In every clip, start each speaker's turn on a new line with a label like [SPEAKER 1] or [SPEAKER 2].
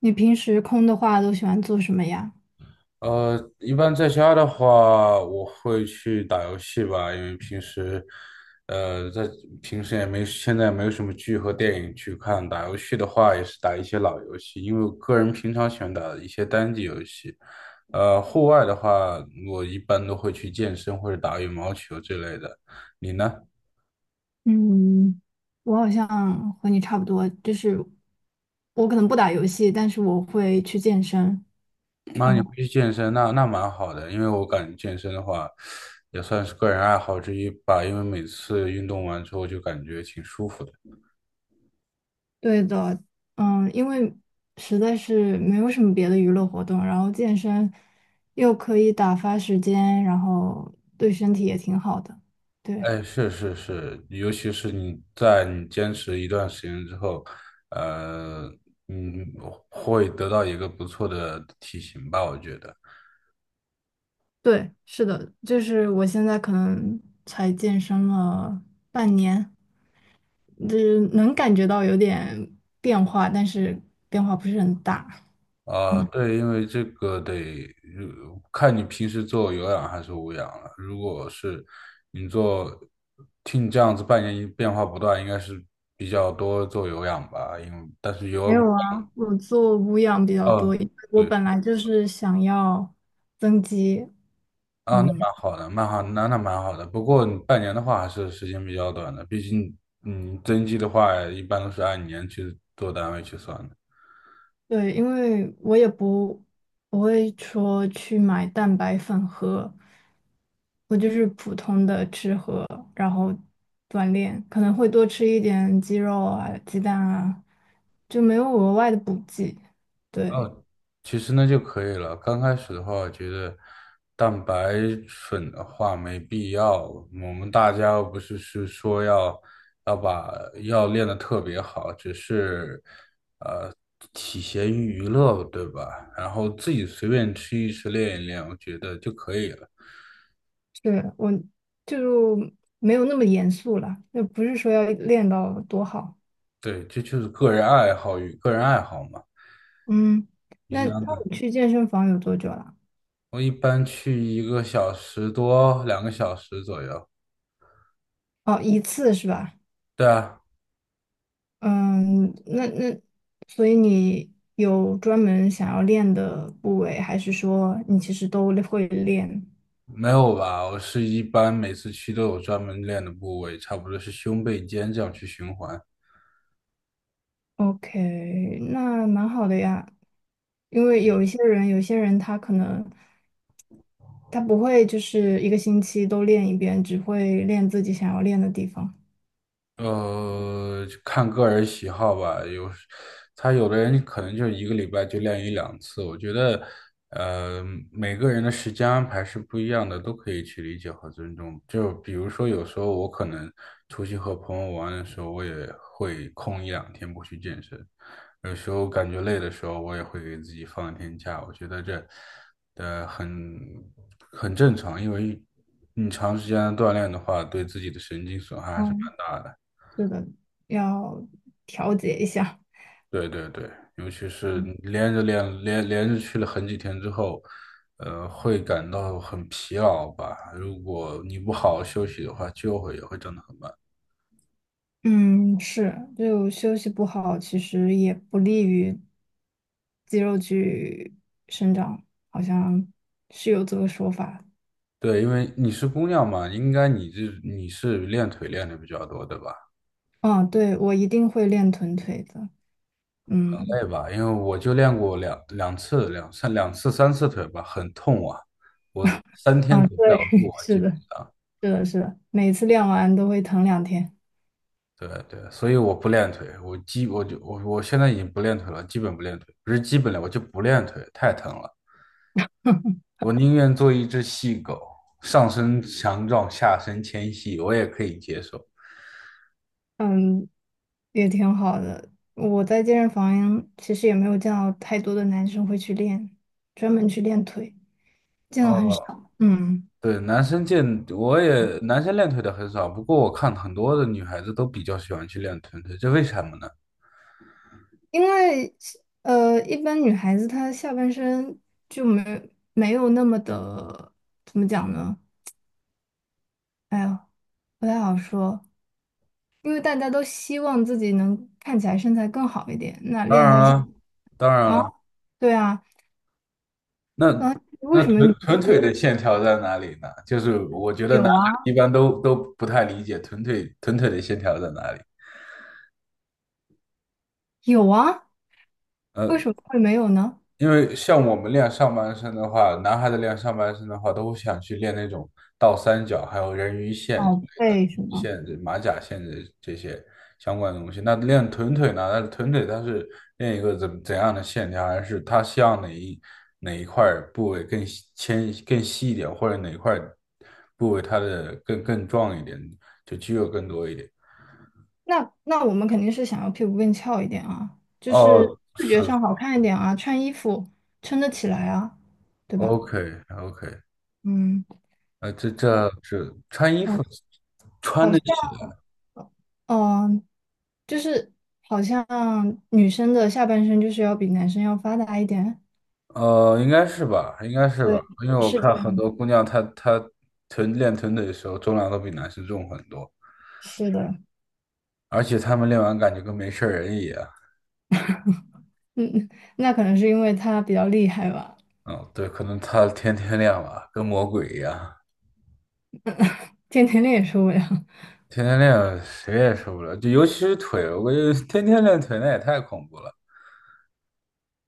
[SPEAKER 1] 你平时空的话都喜欢做什么呀？
[SPEAKER 2] 一般在家的话，我会去打游戏吧，因为平时，呃，在平时也没，现在没有什么剧和电影去看。打游戏的话，也是打一些老游戏，因为我个人平常喜欢打一些单机游戏。户外的话，我一般都会去健身或者打羽毛球之类的。你呢？
[SPEAKER 1] 嗯，我好像和你差不多，就是我可能不打游戏，但是我会去健身。
[SPEAKER 2] 那你
[SPEAKER 1] 嗯，
[SPEAKER 2] 会去健身，那蛮好的，因为我感觉健身的话，也算是个人爱好之一吧，因为每次运动完之后就感觉挺舒服的。
[SPEAKER 1] 对的，因为实在是没有什么别的娱乐活动，然后健身又可以打发时间，然后对身体也挺好的。对，
[SPEAKER 2] 哎，是是是，尤其是你坚持一段时间之后，呃，嗯，会得到一个不错的体型吧，我觉得。
[SPEAKER 1] 对，是的，就是我现在可能才健身了半年。就是能感觉到有点变化，但是变化不是很大。
[SPEAKER 2] 啊，
[SPEAKER 1] 嗯，
[SPEAKER 2] 对，因为这个得看你平时做有氧还是无氧了。如果是你做，听你这样子半年一变化不断，应该是比较多做有氧吧，因为但是
[SPEAKER 1] 没
[SPEAKER 2] 有，
[SPEAKER 1] 有啊，我做无氧比较多，
[SPEAKER 2] 哦，
[SPEAKER 1] 因为我本来就是想要增肌。
[SPEAKER 2] 啊，那
[SPEAKER 1] 嗯，
[SPEAKER 2] 蛮好的，蛮好，那蛮好的。不过你半年的话，还是时间比较短的，毕竟，增肌的话，一般都是按年去做单位去算的。
[SPEAKER 1] 对，因为我也不会说去买蛋白粉喝，我就是普通的吃喝，然后锻炼，可能会多吃一点鸡肉啊、鸡蛋啊，就没有额外的补剂。对。
[SPEAKER 2] 哦，其实那就可以了。刚开始的话，我觉得蛋白粉的话没必要。我们大家又不是说要要把练得特别好，只是呃体闲于娱乐，对吧？然后自己随便吃一吃，练一练，我觉得就可以了。
[SPEAKER 1] 是我就没有那么严肃了，就不是说要练到多好。
[SPEAKER 2] 对，这就是个人爱好与个人爱好嘛。
[SPEAKER 1] 嗯，
[SPEAKER 2] 你是
[SPEAKER 1] 那
[SPEAKER 2] 哪的？
[SPEAKER 1] 你去健身房有多久了？
[SPEAKER 2] 我一般去一个小时多，2个小时左右。
[SPEAKER 1] 哦，一次是吧？
[SPEAKER 2] 对啊。
[SPEAKER 1] 嗯，那所以你有专门想要练的部位，还是说你其实都会练
[SPEAKER 2] 没有吧？我是一般每次去都有专门练的部位，差不多是胸背肩这样去循环。
[SPEAKER 1] ？OK,那蛮好的呀。因为有一些人，有些人他可能他不会就是一个星期都练一遍，只会练自己想要练的地方。
[SPEAKER 2] 看个人喜好吧。有时他有的人可能就一个礼拜就练一两次。我觉得，呃，每个人的时间安排是不一样的，都可以去理解和尊重。就比如说，有时候我可能出去和朋友玩的时候，我也会空一两天不去健身。有时候感觉累的时候，我也会给自己放一天假。我觉得这，呃，很很正常，因为你长时间的锻炼的话，对自己的神经损害还是
[SPEAKER 1] 哦
[SPEAKER 2] 蛮大的。
[SPEAKER 1] 是的，要调节一下。
[SPEAKER 2] 对对对，尤其是连着去了很几天之后，会感到很疲劳吧。如果你不好好休息的话，就会也会长得很慢。
[SPEAKER 1] 嗯，是，就休息不好，其实也不利于肌肉去生长，好像是有这个说法。
[SPEAKER 2] 对，因为你是姑娘嘛，应该你是练腿练的比较多，对吧？
[SPEAKER 1] 嗯，对，我一定会练臀腿的。
[SPEAKER 2] 很
[SPEAKER 1] 嗯，
[SPEAKER 2] 累吧，因为我就练过两两次、两三两次、三次腿吧，很痛啊，我三天
[SPEAKER 1] 啊，
[SPEAKER 2] 走不了路
[SPEAKER 1] 对，
[SPEAKER 2] 啊，
[SPEAKER 1] 是
[SPEAKER 2] 基本
[SPEAKER 1] 的，
[SPEAKER 2] 上。
[SPEAKER 1] 是的，是的，每次练完都会疼两天。
[SPEAKER 2] 对对，所以我不练腿，我基我就我我现在已经不练腿了，基本不练腿，不是基本练，我就不练腿，太疼了。我宁愿做一只细狗，上身强壮，下身纤细，我也可以接受。
[SPEAKER 1] 嗯，也挺好的。我在健身房其实也没有见到太多的男生会去练，专门去练腿，见到很
[SPEAKER 2] 哦，
[SPEAKER 1] 少。嗯。
[SPEAKER 2] 对，男生健，我也男生练腿的很少，不过我看很多的女孩子都比较喜欢去练臀腿，这为什么呢？
[SPEAKER 1] 因为一般女孩子她下半身就没有那么的，怎么讲呢？哎呀，不太好说，因为大家都希望自己能看起来身材更好一点，那
[SPEAKER 2] 当
[SPEAKER 1] 练一
[SPEAKER 2] 然
[SPEAKER 1] 下下
[SPEAKER 2] 了，当然
[SPEAKER 1] 啊，
[SPEAKER 2] 了，
[SPEAKER 1] 对啊，
[SPEAKER 2] 那
[SPEAKER 1] 那为
[SPEAKER 2] 那
[SPEAKER 1] 什么女
[SPEAKER 2] 臀
[SPEAKER 1] 生
[SPEAKER 2] 臀
[SPEAKER 1] 都
[SPEAKER 2] 腿的线条在哪里呢？就是我觉得男
[SPEAKER 1] 有
[SPEAKER 2] 孩
[SPEAKER 1] 啊
[SPEAKER 2] 一般都不太理解臀腿的线条在哪里。
[SPEAKER 1] 有啊，为
[SPEAKER 2] 呃
[SPEAKER 1] 什么会没有呢？
[SPEAKER 2] 因为像我们练上半身的话，男孩子练上半身的话，都会想去练那种倒三角，还有人鱼线之类
[SPEAKER 1] 哦，
[SPEAKER 2] 的，
[SPEAKER 1] 为什
[SPEAKER 2] 鱼
[SPEAKER 1] 么？
[SPEAKER 2] 线、这马甲线的这些相关的东西。那练臀腿呢？那臀腿它是练一个怎样的线条，还是它希望哪一块部位更细一点，或者哪一块部位它的更壮一点，就肌肉更多一点？
[SPEAKER 1] 那我们肯定是想要屁股更翘一点啊，就是
[SPEAKER 2] 哦，
[SPEAKER 1] 视
[SPEAKER 2] 是。
[SPEAKER 1] 觉上好看一点啊，穿衣服撑得起来啊，对吧？
[SPEAKER 2] OK， OK。
[SPEAKER 1] 嗯。
[SPEAKER 2] 这是穿衣
[SPEAKER 1] 哦
[SPEAKER 2] 服穿
[SPEAKER 1] 好
[SPEAKER 2] 得
[SPEAKER 1] 像，
[SPEAKER 2] 起。
[SPEAKER 1] 嗯，就是好像女生的下半身就是要比男生要发达一点。
[SPEAKER 2] 应该是吧，应该是吧，
[SPEAKER 1] 对，
[SPEAKER 2] 因为我
[SPEAKER 1] 是的，
[SPEAKER 2] 看很多姑娘她练臀腿的时候，重量都比男生重很多，
[SPEAKER 1] 是的，
[SPEAKER 2] 而且她们练完感觉跟没事儿人一样。
[SPEAKER 1] 嗯，那可能是因为他比较厉害吧，
[SPEAKER 2] 嗯，对，可能她 天天练吧，跟魔鬼一样，
[SPEAKER 1] 天天练也受不了。
[SPEAKER 2] 天天练谁也受不了，就尤其是腿，我感觉天天练腿那也太恐怖了。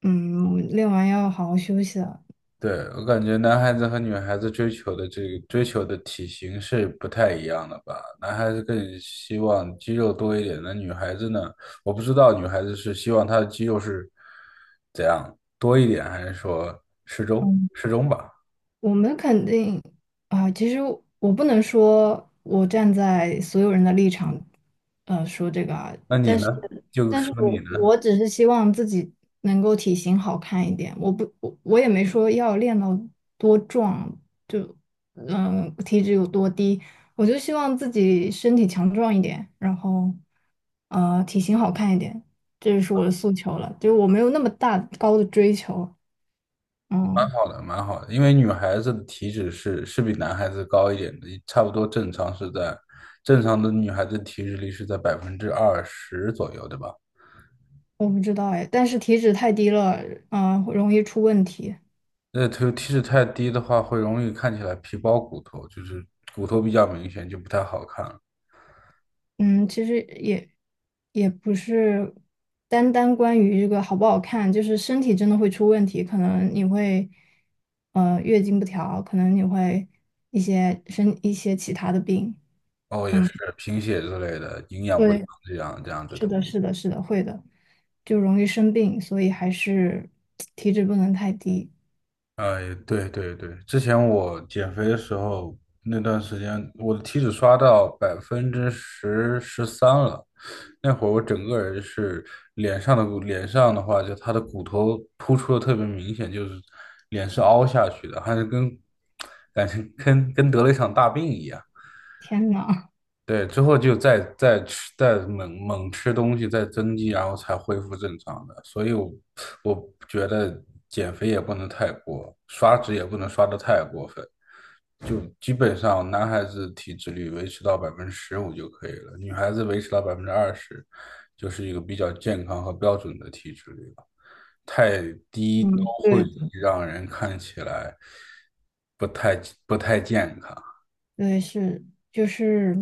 [SPEAKER 1] 嗯，我们练完要好好休息了。
[SPEAKER 2] 对，我感觉男孩子和女孩子追求的体型是不太一样的吧？男孩子更希望肌肉多一点，那女孩子呢？我不知道女孩子是希望她的肌肉是怎样多一点，还是说
[SPEAKER 1] 嗯
[SPEAKER 2] 适中吧？
[SPEAKER 1] 我们肯定啊，其实我不能说我站在所有人的立场，说这个啊，
[SPEAKER 2] 那你
[SPEAKER 1] 但是，
[SPEAKER 2] 呢？就
[SPEAKER 1] 但是
[SPEAKER 2] 说你
[SPEAKER 1] 我
[SPEAKER 2] 呢，
[SPEAKER 1] 我只是希望自己能够体型好看一点，我不我我也没说要练到多壮，就嗯体脂有多低，我就希望自己身体强壮一点，然后体型好看一点，这就是我的诉求了，就是我没有那么大高的追求，
[SPEAKER 2] 蛮
[SPEAKER 1] 嗯。
[SPEAKER 2] 好的，蛮好的，因为女孩子的体脂是比男孩子高一点的，差不多正常的女孩子体脂率是在百分之二十左右，对吧？
[SPEAKER 1] 我不知道哎，但是体脂太低了，嗯、容易出问题。
[SPEAKER 2] 那体脂太低的话，会容易看起来皮包骨头，就是骨头比较明显，就不太好看了。
[SPEAKER 1] 嗯，其实也也不是单单关于这个好不好看，就是身体真的会出问题，可能你会月经不调，可能你会一些其他的病。
[SPEAKER 2] 哦，也
[SPEAKER 1] 嗯，
[SPEAKER 2] 是贫血之类的，营养不良
[SPEAKER 1] 对，
[SPEAKER 2] 这样子
[SPEAKER 1] 是
[SPEAKER 2] 的吧？
[SPEAKER 1] 的，是的，是的，会的，就容易生病，所以还是体脂不能太低。
[SPEAKER 2] 哎，对对对，之前我减肥的时候，那段时间我的体脂刷到百分之十三了，那会儿我整个人是脸上的话，就他的骨头突出的特别明显，就是脸是凹下去的，还是跟感觉跟得了一场大病一样。
[SPEAKER 1] 天呐，
[SPEAKER 2] 对，之后就再吃，再猛吃东西，再增肌，然后才恢复正常的。所以我，我觉得减肥也不能太过，刷脂也不能刷的太过分。就基本上男孩子体脂率维持到15%就可以了，女孩子维持到百分之二十，就是一个比较健康和标准的体脂率了。太低
[SPEAKER 1] 嗯，
[SPEAKER 2] 都会
[SPEAKER 1] 对
[SPEAKER 2] 让人看起来不太不太健康。
[SPEAKER 1] 对，是，就是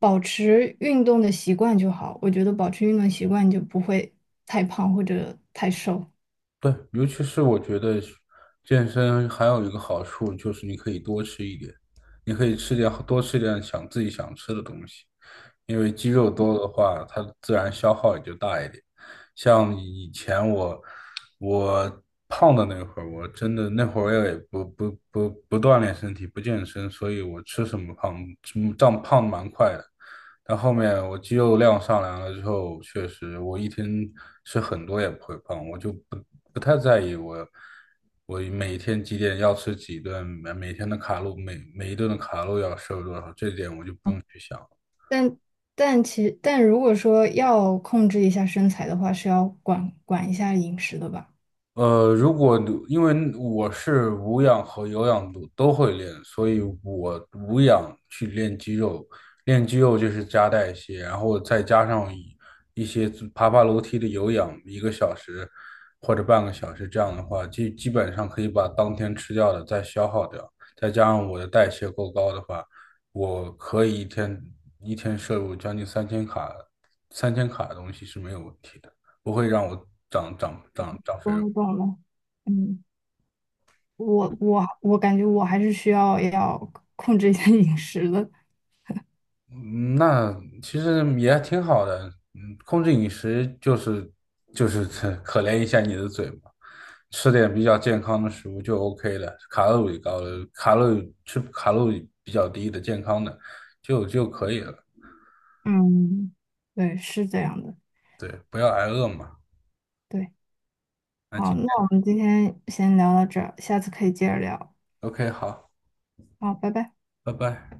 [SPEAKER 1] 保持运动的习惯就好。我觉得保持运动习惯，你就不会太胖或者太瘦。
[SPEAKER 2] 对，尤其是我觉得健身还有一个好处就是你可以多吃一点，你可以多吃点想自己想吃的东西。因为肌肉多的话，它自然消耗也就大一点。像以前我胖的那会儿，我真的那会儿也不锻炼身体，不健身，所以我吃什么胖，长胖得蛮快的。但后面我肌肉量上来了之后，确实我一天吃很多也不会胖，我就不太在意我每天几点要吃几顿，每天的卡路每一顿的卡路要摄入多少，这点我就不用去想了。
[SPEAKER 1] 但但如果说要控制一下身材的话，是要管一下饮食的吧？
[SPEAKER 2] 呃，如果因为我是无氧和有氧都会练，所以我无氧去练肌肉，练肌肉就是加代谢，然后再加上一些爬楼梯的有氧，一个小时或者半个小时，这样的话，基本上可以把当天吃掉的再消耗掉，再加上我的代谢够高的话，我可以一天摄入将近三千卡，三千卡的东西是没有问题的，不会让我长肥
[SPEAKER 1] 懂
[SPEAKER 2] 肉。
[SPEAKER 1] 了，懂了。嗯，我感觉我还是需要控制一下饮食的。
[SPEAKER 2] 嗯那其实也挺好的。嗯，控制饮食就是可怜一下你的嘴嘛，吃点比较健康的食物就 OK 了，卡路里高的，卡路里比较低的健康的就可以了。
[SPEAKER 1] 嗯，对，是这样的。
[SPEAKER 2] 对，不要挨饿嘛。
[SPEAKER 1] 对，
[SPEAKER 2] 那
[SPEAKER 1] 好，
[SPEAKER 2] 今
[SPEAKER 1] 那
[SPEAKER 2] 天
[SPEAKER 1] 我们今天先聊到这儿，下次可以接着聊。
[SPEAKER 2] OK 好，
[SPEAKER 1] 好，拜拜。
[SPEAKER 2] 拜拜。